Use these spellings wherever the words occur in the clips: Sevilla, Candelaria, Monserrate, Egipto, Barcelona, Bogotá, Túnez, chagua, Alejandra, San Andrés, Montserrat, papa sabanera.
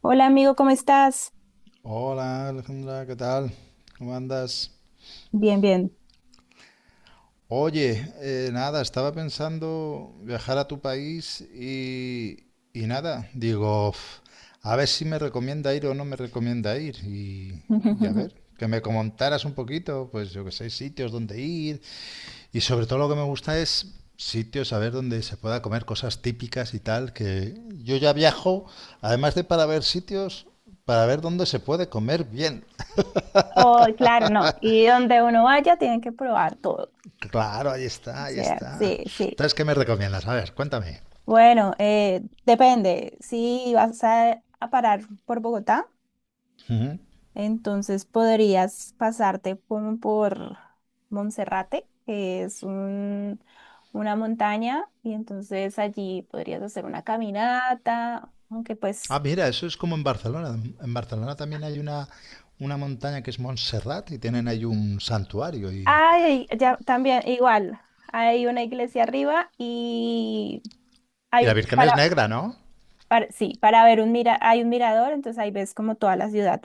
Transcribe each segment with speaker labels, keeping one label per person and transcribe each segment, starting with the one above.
Speaker 1: Hola amigo, ¿cómo estás?
Speaker 2: Hola Alejandra, ¿qué tal? ¿Cómo andas?
Speaker 1: Bien, bien.
Speaker 2: Oye, nada, estaba pensando viajar a tu país y nada, digo, "Uf, a ver si me recomienda ir o no me recomienda ir y a ver, que me comentaras un poquito, pues yo que sé, sitios donde ir y sobre todo lo que me gusta es sitios, a ver, donde se pueda comer cosas típicas y tal, que yo ya viajo, además de para ver sitios, para ver dónde se puede comer bien.
Speaker 1: Oh, claro, no. Y donde uno vaya, tienen que probar todo.
Speaker 2: Claro, ahí
Speaker 1: O
Speaker 2: está, ahí
Speaker 1: sea,
Speaker 2: está.
Speaker 1: sí, sí.
Speaker 2: Entonces, ¿qué me recomiendas? A ver, cuéntame.
Speaker 1: Bueno, depende. Si vas a parar por Bogotá,
Speaker 2: Ujú.
Speaker 1: entonces podrías pasarte como por Monserrate, que es un, una montaña, y entonces allí podrías hacer una caminata, aunque pues
Speaker 2: Ah, mira, eso es como en Barcelona. En Barcelona también hay una montaña que es Montserrat y tienen ahí un santuario. Y
Speaker 1: ay, ya también, igual, hay una iglesia arriba y
Speaker 2: y
Speaker 1: hay
Speaker 2: la Virgen es
Speaker 1: para,
Speaker 2: negra, ¿no?
Speaker 1: sí, para ver hay un mirador, entonces ahí ves como toda la ciudad.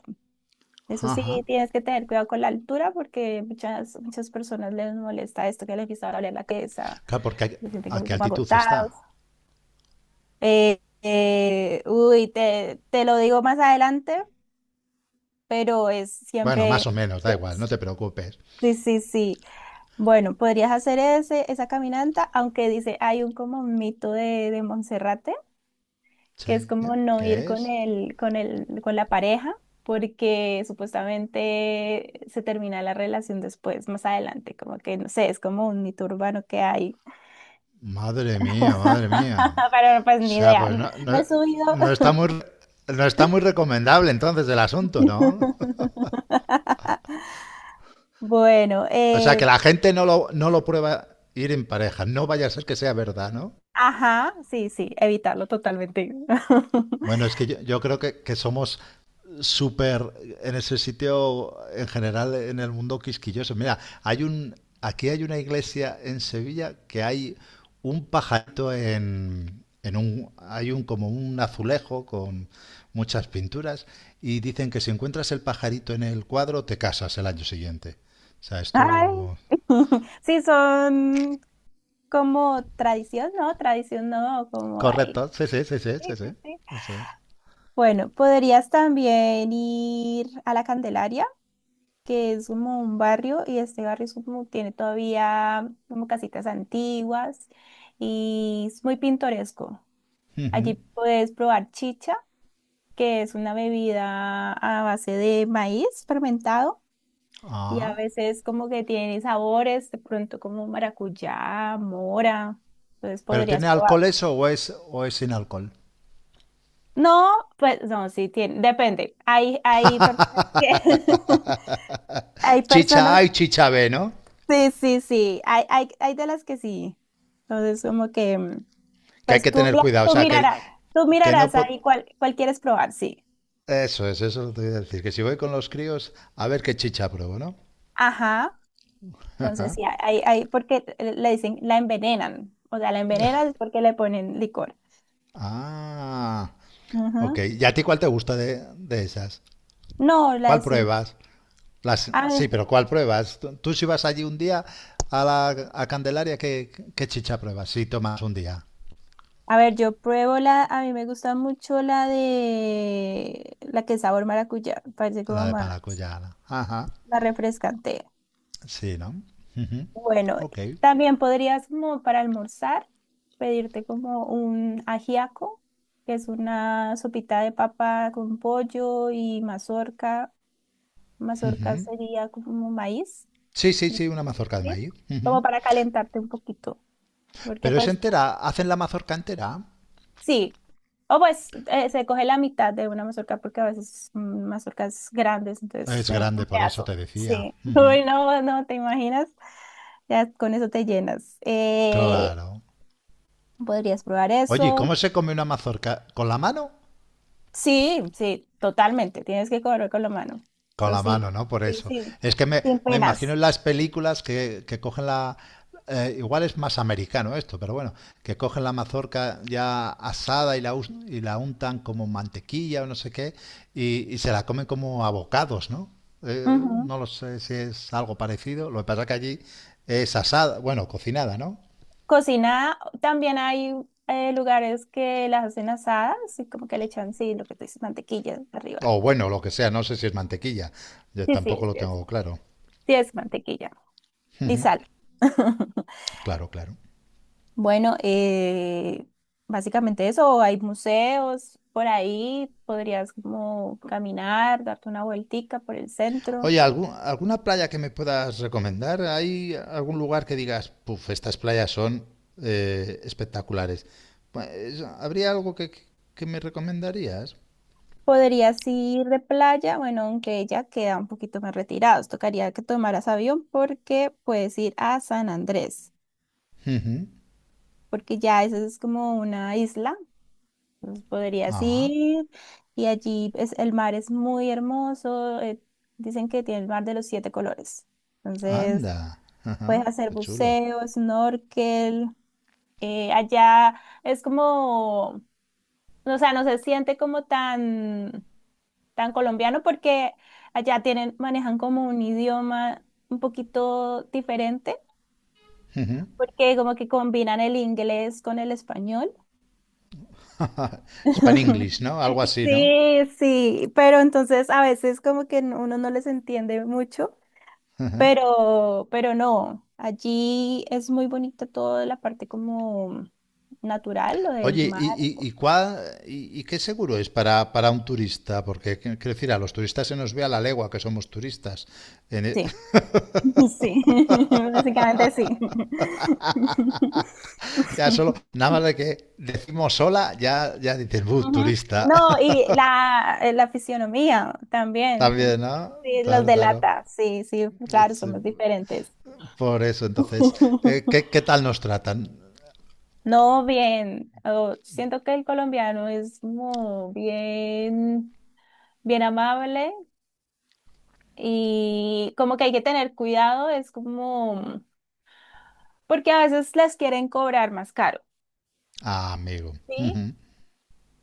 Speaker 1: Eso sí,
Speaker 2: Ajá.
Speaker 1: tienes que tener cuidado con la altura porque muchas personas les molesta esto que les empieza a doler la cabeza,
Speaker 2: Claro, porque
Speaker 1: se sienten
Speaker 2: ¿a qué
Speaker 1: como
Speaker 2: altitud
Speaker 1: agotados.
Speaker 2: está?
Speaker 1: Uy, te lo digo más adelante, pero es
Speaker 2: Bueno, más
Speaker 1: siempre,
Speaker 2: o menos, da igual, no te preocupes.
Speaker 1: sí, sí, sí. Bueno, podrías hacer esa caminata, aunque dice, hay un como mito de Monserrate, que es
Speaker 2: Sí,
Speaker 1: como no ir
Speaker 2: ¿qué
Speaker 1: con
Speaker 2: es?
Speaker 1: con la pareja, porque supuestamente se termina la relación después, más adelante, como que, no sé, es como un mito urbano que hay.
Speaker 2: Madre mía, madre mía.
Speaker 1: Pero pues
Speaker 2: O
Speaker 1: ni
Speaker 2: sea,
Speaker 1: idea, no, no he subido.
Speaker 2: no está muy, no está muy recomendable entonces el asunto, ¿no?
Speaker 1: Bueno,
Speaker 2: O sea, que la gente no lo prueba ir en pareja. No vaya a ser que sea verdad, ¿no?
Speaker 1: ajá, sí, sí, evitarlo totalmente.
Speaker 2: Bueno, es que yo creo que somos súper en ese sitio, en general, en el mundo quisquilloso. Mira, aquí hay una iglesia en Sevilla que hay un pajarito en hay un como un azulejo con muchas pinturas y dicen que si encuentras el pajarito en el cuadro te casas el año siguiente. O sea,
Speaker 1: Ay.
Speaker 2: esto
Speaker 1: Sí, son como tradición, ¿no? Tradición, ¿no? Como, ay.
Speaker 2: correcto, sí, sí, sí, sí, sí,
Speaker 1: Sí,
Speaker 2: sí.
Speaker 1: sí, sí.
Speaker 2: Eso es.
Speaker 1: Bueno, podrías también ir a la Candelaria, que es como un barrio y este barrio es como- tiene todavía como casitas antiguas y es muy pintoresco. Allí
Speaker 2: Ujú.
Speaker 1: puedes probar chicha, que es una bebida a base de maíz fermentado y a
Speaker 2: Ah.
Speaker 1: veces como que tiene sabores, de pronto como maracuyá, mora, entonces
Speaker 2: ¿Pero
Speaker 1: podrías
Speaker 2: tiene
Speaker 1: probar.
Speaker 2: alcohol eso o es sin alcohol?
Speaker 1: No, pues no, sí tiene, depende. Hay personas que hay
Speaker 2: Chicha
Speaker 1: personas,
Speaker 2: A y chicha B, ¿no?
Speaker 1: sí, sí, sí, hay de las que sí. Entonces, como que,
Speaker 2: Que hay
Speaker 1: pues
Speaker 2: que
Speaker 1: tú,
Speaker 2: tener cuidado. O sea,
Speaker 1: tú
Speaker 2: que no...
Speaker 1: mirarás ahí
Speaker 2: po-
Speaker 1: cuál, cuál quieres probar, sí.
Speaker 2: Eso es lo que te iba a decir. Que si voy con los críos, a ver qué chicha pruebo, ¿no?
Speaker 1: Ajá. Entonces, sí, hay, porque le dicen, la envenenan. O sea, la envenenan es porque le ponen licor.
Speaker 2: Ah, ok.
Speaker 1: Ajá.
Speaker 2: ¿Y a ti cuál te gusta de esas?
Speaker 1: No, la
Speaker 2: ¿Cuál
Speaker 1: sin.
Speaker 2: pruebas? Las, sí,
Speaker 1: Ah,
Speaker 2: pero ¿cuál pruebas? Tú si vas allí un día a Candelaria, ¿qué chicha pruebas? Si tomas un día,
Speaker 1: a ver, yo pruebo la. A mí me gusta mucho la de. La que es sabor maracuyá. Parece
Speaker 2: la
Speaker 1: como
Speaker 2: de
Speaker 1: más.
Speaker 2: maracuyá. Ajá.
Speaker 1: La refrescante.
Speaker 2: Sí, ¿no? Ujú.
Speaker 1: Bueno,
Speaker 2: Ok.
Speaker 1: también podrías como para almorzar pedirte como un ajiaco, que es una sopita de papa con pollo y mazorca. Mazorca sería como maíz,
Speaker 2: Sí, sí, sí, una mazorca de
Speaker 1: ¿sí?
Speaker 2: maíz.
Speaker 1: Como para calentarte un poquito, porque
Speaker 2: Pero es
Speaker 1: pues
Speaker 2: entera, hacen la mazorca entera.
Speaker 1: sí, o pues se coge la mitad de una mazorca porque a veces son mazorcas grandes, entonces
Speaker 2: Es
Speaker 1: se da un
Speaker 2: grande, por eso
Speaker 1: pedazo.
Speaker 2: te decía.
Speaker 1: Sí,
Speaker 2: Ujú.
Speaker 1: uy, no, no, ¿te imaginas? Ya con eso te llenas.
Speaker 2: Claro.
Speaker 1: ¿Podrías probar
Speaker 2: Oye, ¿y
Speaker 1: eso?
Speaker 2: cómo se come una mazorca? ¿Con la mano?
Speaker 1: Sí, sí, totalmente, tienes que comer con la mano.
Speaker 2: Con
Speaker 1: Eso
Speaker 2: la
Speaker 1: sí,
Speaker 2: mano, ¿no? Por
Speaker 1: sí,
Speaker 2: eso.
Speaker 1: sí,
Speaker 2: Es que
Speaker 1: sin
Speaker 2: me imagino
Speaker 1: penas.
Speaker 2: en las películas que cogen la... igual es más americano esto, pero bueno, que cogen la mazorca ya asada y y la untan como mantequilla o no sé qué, y se la comen como abocados, ¿no? Eh,
Speaker 1: Ujú.
Speaker 2: no lo sé si es algo parecido. Lo que pasa que allí es asada, bueno, cocinada, ¿no?
Speaker 1: Cocina, también hay lugares que las hacen asadas y como que le echan, sí, lo que tú dices, mantequilla arriba.
Speaker 2: O bueno, lo que sea, no sé si es mantequilla. Yo
Speaker 1: Sí, sí,
Speaker 2: tampoco lo
Speaker 1: sí es.
Speaker 2: tengo claro.
Speaker 1: Sí, es mantequilla. Y
Speaker 2: Ujú.
Speaker 1: sal.
Speaker 2: Claro, claro.
Speaker 1: Bueno, básicamente eso, hay museos por ahí, podrías como caminar, darte una vueltica por el centro.
Speaker 2: Oye, ¿alguna playa que me puedas recomendar? ¿Hay algún lugar que digas, puf, estas playas son espectaculares? Pues, ¿habría algo que me recomendarías?
Speaker 1: Podrías ir de playa, bueno, aunque ya queda un poquito más retirados, tocaría que tomaras avión porque puedes ir a San Andrés,
Speaker 2: Ujú.
Speaker 1: porque ya esa es como una isla, entonces podrías
Speaker 2: Ah,
Speaker 1: ir y allí es, el mar es muy hermoso, dicen que tiene el mar de los siete colores. Entonces...
Speaker 2: anda.
Speaker 1: Puedes
Speaker 2: Ajá,
Speaker 1: hacer
Speaker 2: qué chulo.
Speaker 1: buceo, snorkel. Allá es como, o sea, no se siente como tan, tan colombiano porque allá tienen, manejan como un idioma un poquito diferente,
Speaker 2: Ujú.
Speaker 1: porque como que combinan el inglés con el español.
Speaker 2: Span English, ¿no? Algo así, ¿no?
Speaker 1: Sí, sí, pero entonces a veces como que uno no les entiende mucho.
Speaker 2: Ujú.
Speaker 1: Pero no, allí es muy bonita toda la parte como natural, lo del
Speaker 2: Oye,
Speaker 1: mar.
Speaker 2: ¿y qué seguro es para un turista? Porque, qu- quiero decir, a los turistas se nos ve a la legua que somos turistas. En e-
Speaker 1: Sí, sí, básicamente sí.
Speaker 2: Ya solo, nada más de que decimos sola, ya, ya dices,
Speaker 1: Ujú.
Speaker 2: turista.
Speaker 1: No, y la fisionomía también.
Speaker 2: También, ¿no?
Speaker 1: Sí, los
Speaker 2: Claro, claro.
Speaker 1: delata, sí, sí, claro,
Speaker 2: Sí.
Speaker 1: somos diferentes.
Speaker 2: Por eso, entonces, ¿qué, qué tal nos tratan?
Speaker 1: No, bien, oh, siento que el colombiano es como bien, bien amable, y como que hay que tener cuidado, es como, porque a veces las quieren cobrar más caro,
Speaker 2: Ah, amigo.
Speaker 1: ¿sí?
Speaker 2: Ujú,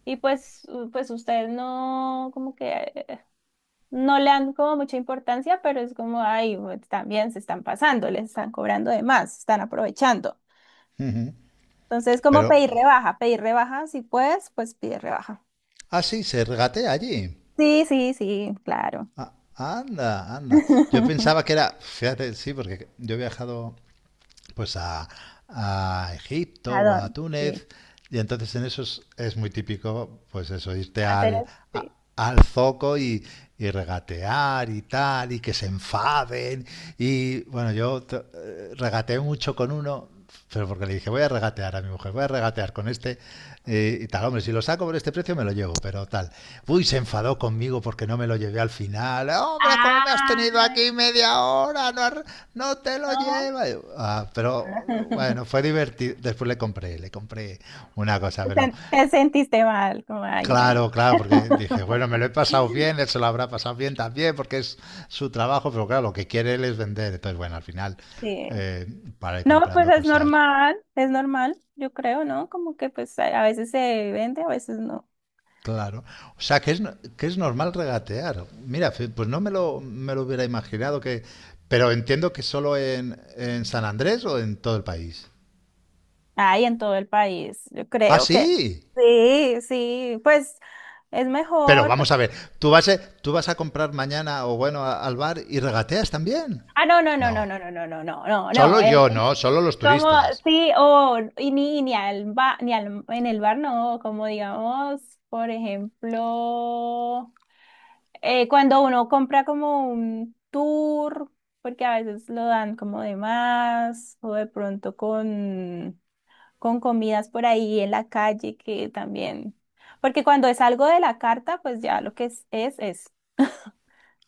Speaker 1: Y pues, pues ustedes no, como que no le dan como mucha importancia, pero es como, ay, pues, también se están pasando, les están cobrando de más, se están aprovechando.
Speaker 2: ujú.
Speaker 1: Entonces, como
Speaker 2: Pero,
Speaker 1: pedir rebaja, si puedes, pues pide rebaja.
Speaker 2: ah, sí, se regatea allí.
Speaker 1: Sí, sí, sí, claro.
Speaker 2: Ah, anda, anda. Yo pensaba que era, fíjate, sí, porque yo he viajado pues a Egipto
Speaker 1: ¿A
Speaker 2: o a
Speaker 1: dónde? Sí.
Speaker 2: Túnez. Y entonces en esos es muy típico, pues eso, irte
Speaker 1: Hacer sí.
Speaker 2: al zoco y regatear y tal, y que se enfaden. Y bueno, regateé mucho con uno, pero porque le dije, voy a regatear a mi mujer, voy a regatear con este y tal. Hombre, si lo saco por este precio me lo llevo, pero tal. Uy, se enfadó conmigo porque no me lo llevé al final. Hombre, ¿cómo me has
Speaker 1: Ah,
Speaker 2: tenido aquí media hora? No te lo
Speaker 1: no.
Speaker 2: llevas. Ah, pero bueno, fue divertido. Después le compré una cosa,
Speaker 1: O
Speaker 2: pero
Speaker 1: sea, te sentiste mal, como, ay, bueno.
Speaker 2: claro, claro, porque dije, bueno, me lo he pasado bien, él se lo habrá pasado bien también, porque es su trabajo, pero claro, lo que quiere él es vender. Entonces, bueno, al final,
Speaker 1: Sí.
Speaker 2: eh, para ir
Speaker 1: No, pues
Speaker 2: comprando cosas.
Speaker 1: es normal, yo creo, ¿no? Como que pues a veces se vende, a veces no.
Speaker 2: Claro, o sea que es, que es normal regatear. Mira, fe- pues no me lo, me lo hubiera imaginado que... Pero entiendo que solo en San Andrés o en todo el país.
Speaker 1: Ay, en todo el país, yo
Speaker 2: Ah,
Speaker 1: creo que
Speaker 2: sí.
Speaker 1: sí, sí, pues es
Speaker 2: Pero
Speaker 1: mejor. Porque-
Speaker 2: vamos a ver, ¿tú vas a comprar mañana o bueno al bar y regateas también?
Speaker 1: ah, no, no, no, no,
Speaker 2: No.
Speaker 1: no, no, no, no, no, no, no.
Speaker 2: Solo
Speaker 1: Es
Speaker 2: yo, no, solo los
Speaker 1: como,
Speaker 2: turistas.
Speaker 1: sí, o y ni, ni al, en el bar no, como digamos, por ejemplo. Cuando uno compra como un tour, porque a veces lo dan como de más, o de pronto con comidas por ahí en la calle que también, porque cuando es algo de la carta, pues ya lo que es, es.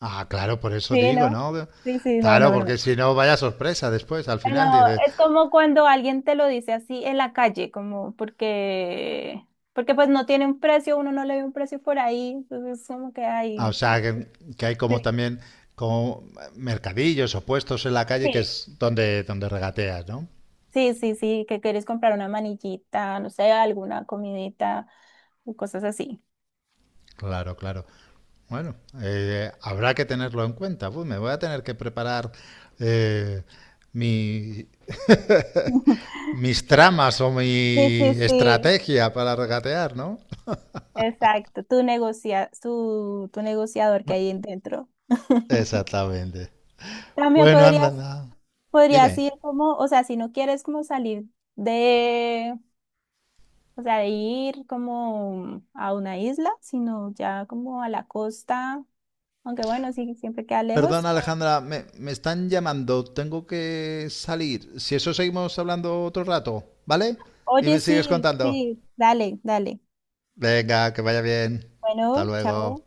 Speaker 2: Ah, claro, por eso
Speaker 1: Sí,
Speaker 2: digo,
Speaker 1: ¿no?
Speaker 2: ¿no?
Speaker 1: Sí, sí, no,
Speaker 2: Claro,
Speaker 1: no, no.
Speaker 2: porque si no, vaya sorpresa después, al final
Speaker 1: No,
Speaker 2: dice,
Speaker 1: es como cuando alguien te lo dice así en la calle, porque pues no tiene un precio, uno no le ve un precio por ahí, entonces como que
Speaker 2: ah, o
Speaker 1: hay.
Speaker 2: sea, que hay como
Speaker 1: Sí.
Speaker 2: también como mercadillos o puestos en la calle que es
Speaker 1: Sí.
Speaker 2: donde, donde regateas, ¿no?
Speaker 1: Sí, sí, sí, que quieres comprar una manillita, no sé, alguna comidita o cosas así.
Speaker 2: Claro, claro. Bueno, habrá que tenerlo en cuenta. Pues me voy a tener que preparar eh, mi, mis tramas o
Speaker 1: Sí, sí,
Speaker 2: mi
Speaker 1: sí.
Speaker 2: estrategia para regatear, ¿no?
Speaker 1: Exacto, tu negocia, tu negociador que hay en dentro.
Speaker 2: Exactamente.
Speaker 1: También
Speaker 2: Bueno,
Speaker 1: podrías,
Speaker 2: anda, anda.
Speaker 1: podrías
Speaker 2: Dime.
Speaker 1: ir como, o sea, si no quieres como salir de, o sea, de ir como a una isla, sino ya como a la costa, aunque bueno, sí, siempre queda
Speaker 2: Perdón,
Speaker 1: lejos.
Speaker 2: Alejandra, me están llamando. Tengo que salir. Si eso seguimos hablando otro rato, ¿vale? Y
Speaker 1: Oye,
Speaker 2: me sigues
Speaker 1: sí,
Speaker 2: contando.
Speaker 1: sí, dale, dale.
Speaker 2: Venga, que vaya bien. Hasta
Speaker 1: Bueno,
Speaker 2: luego.
Speaker 1: chao.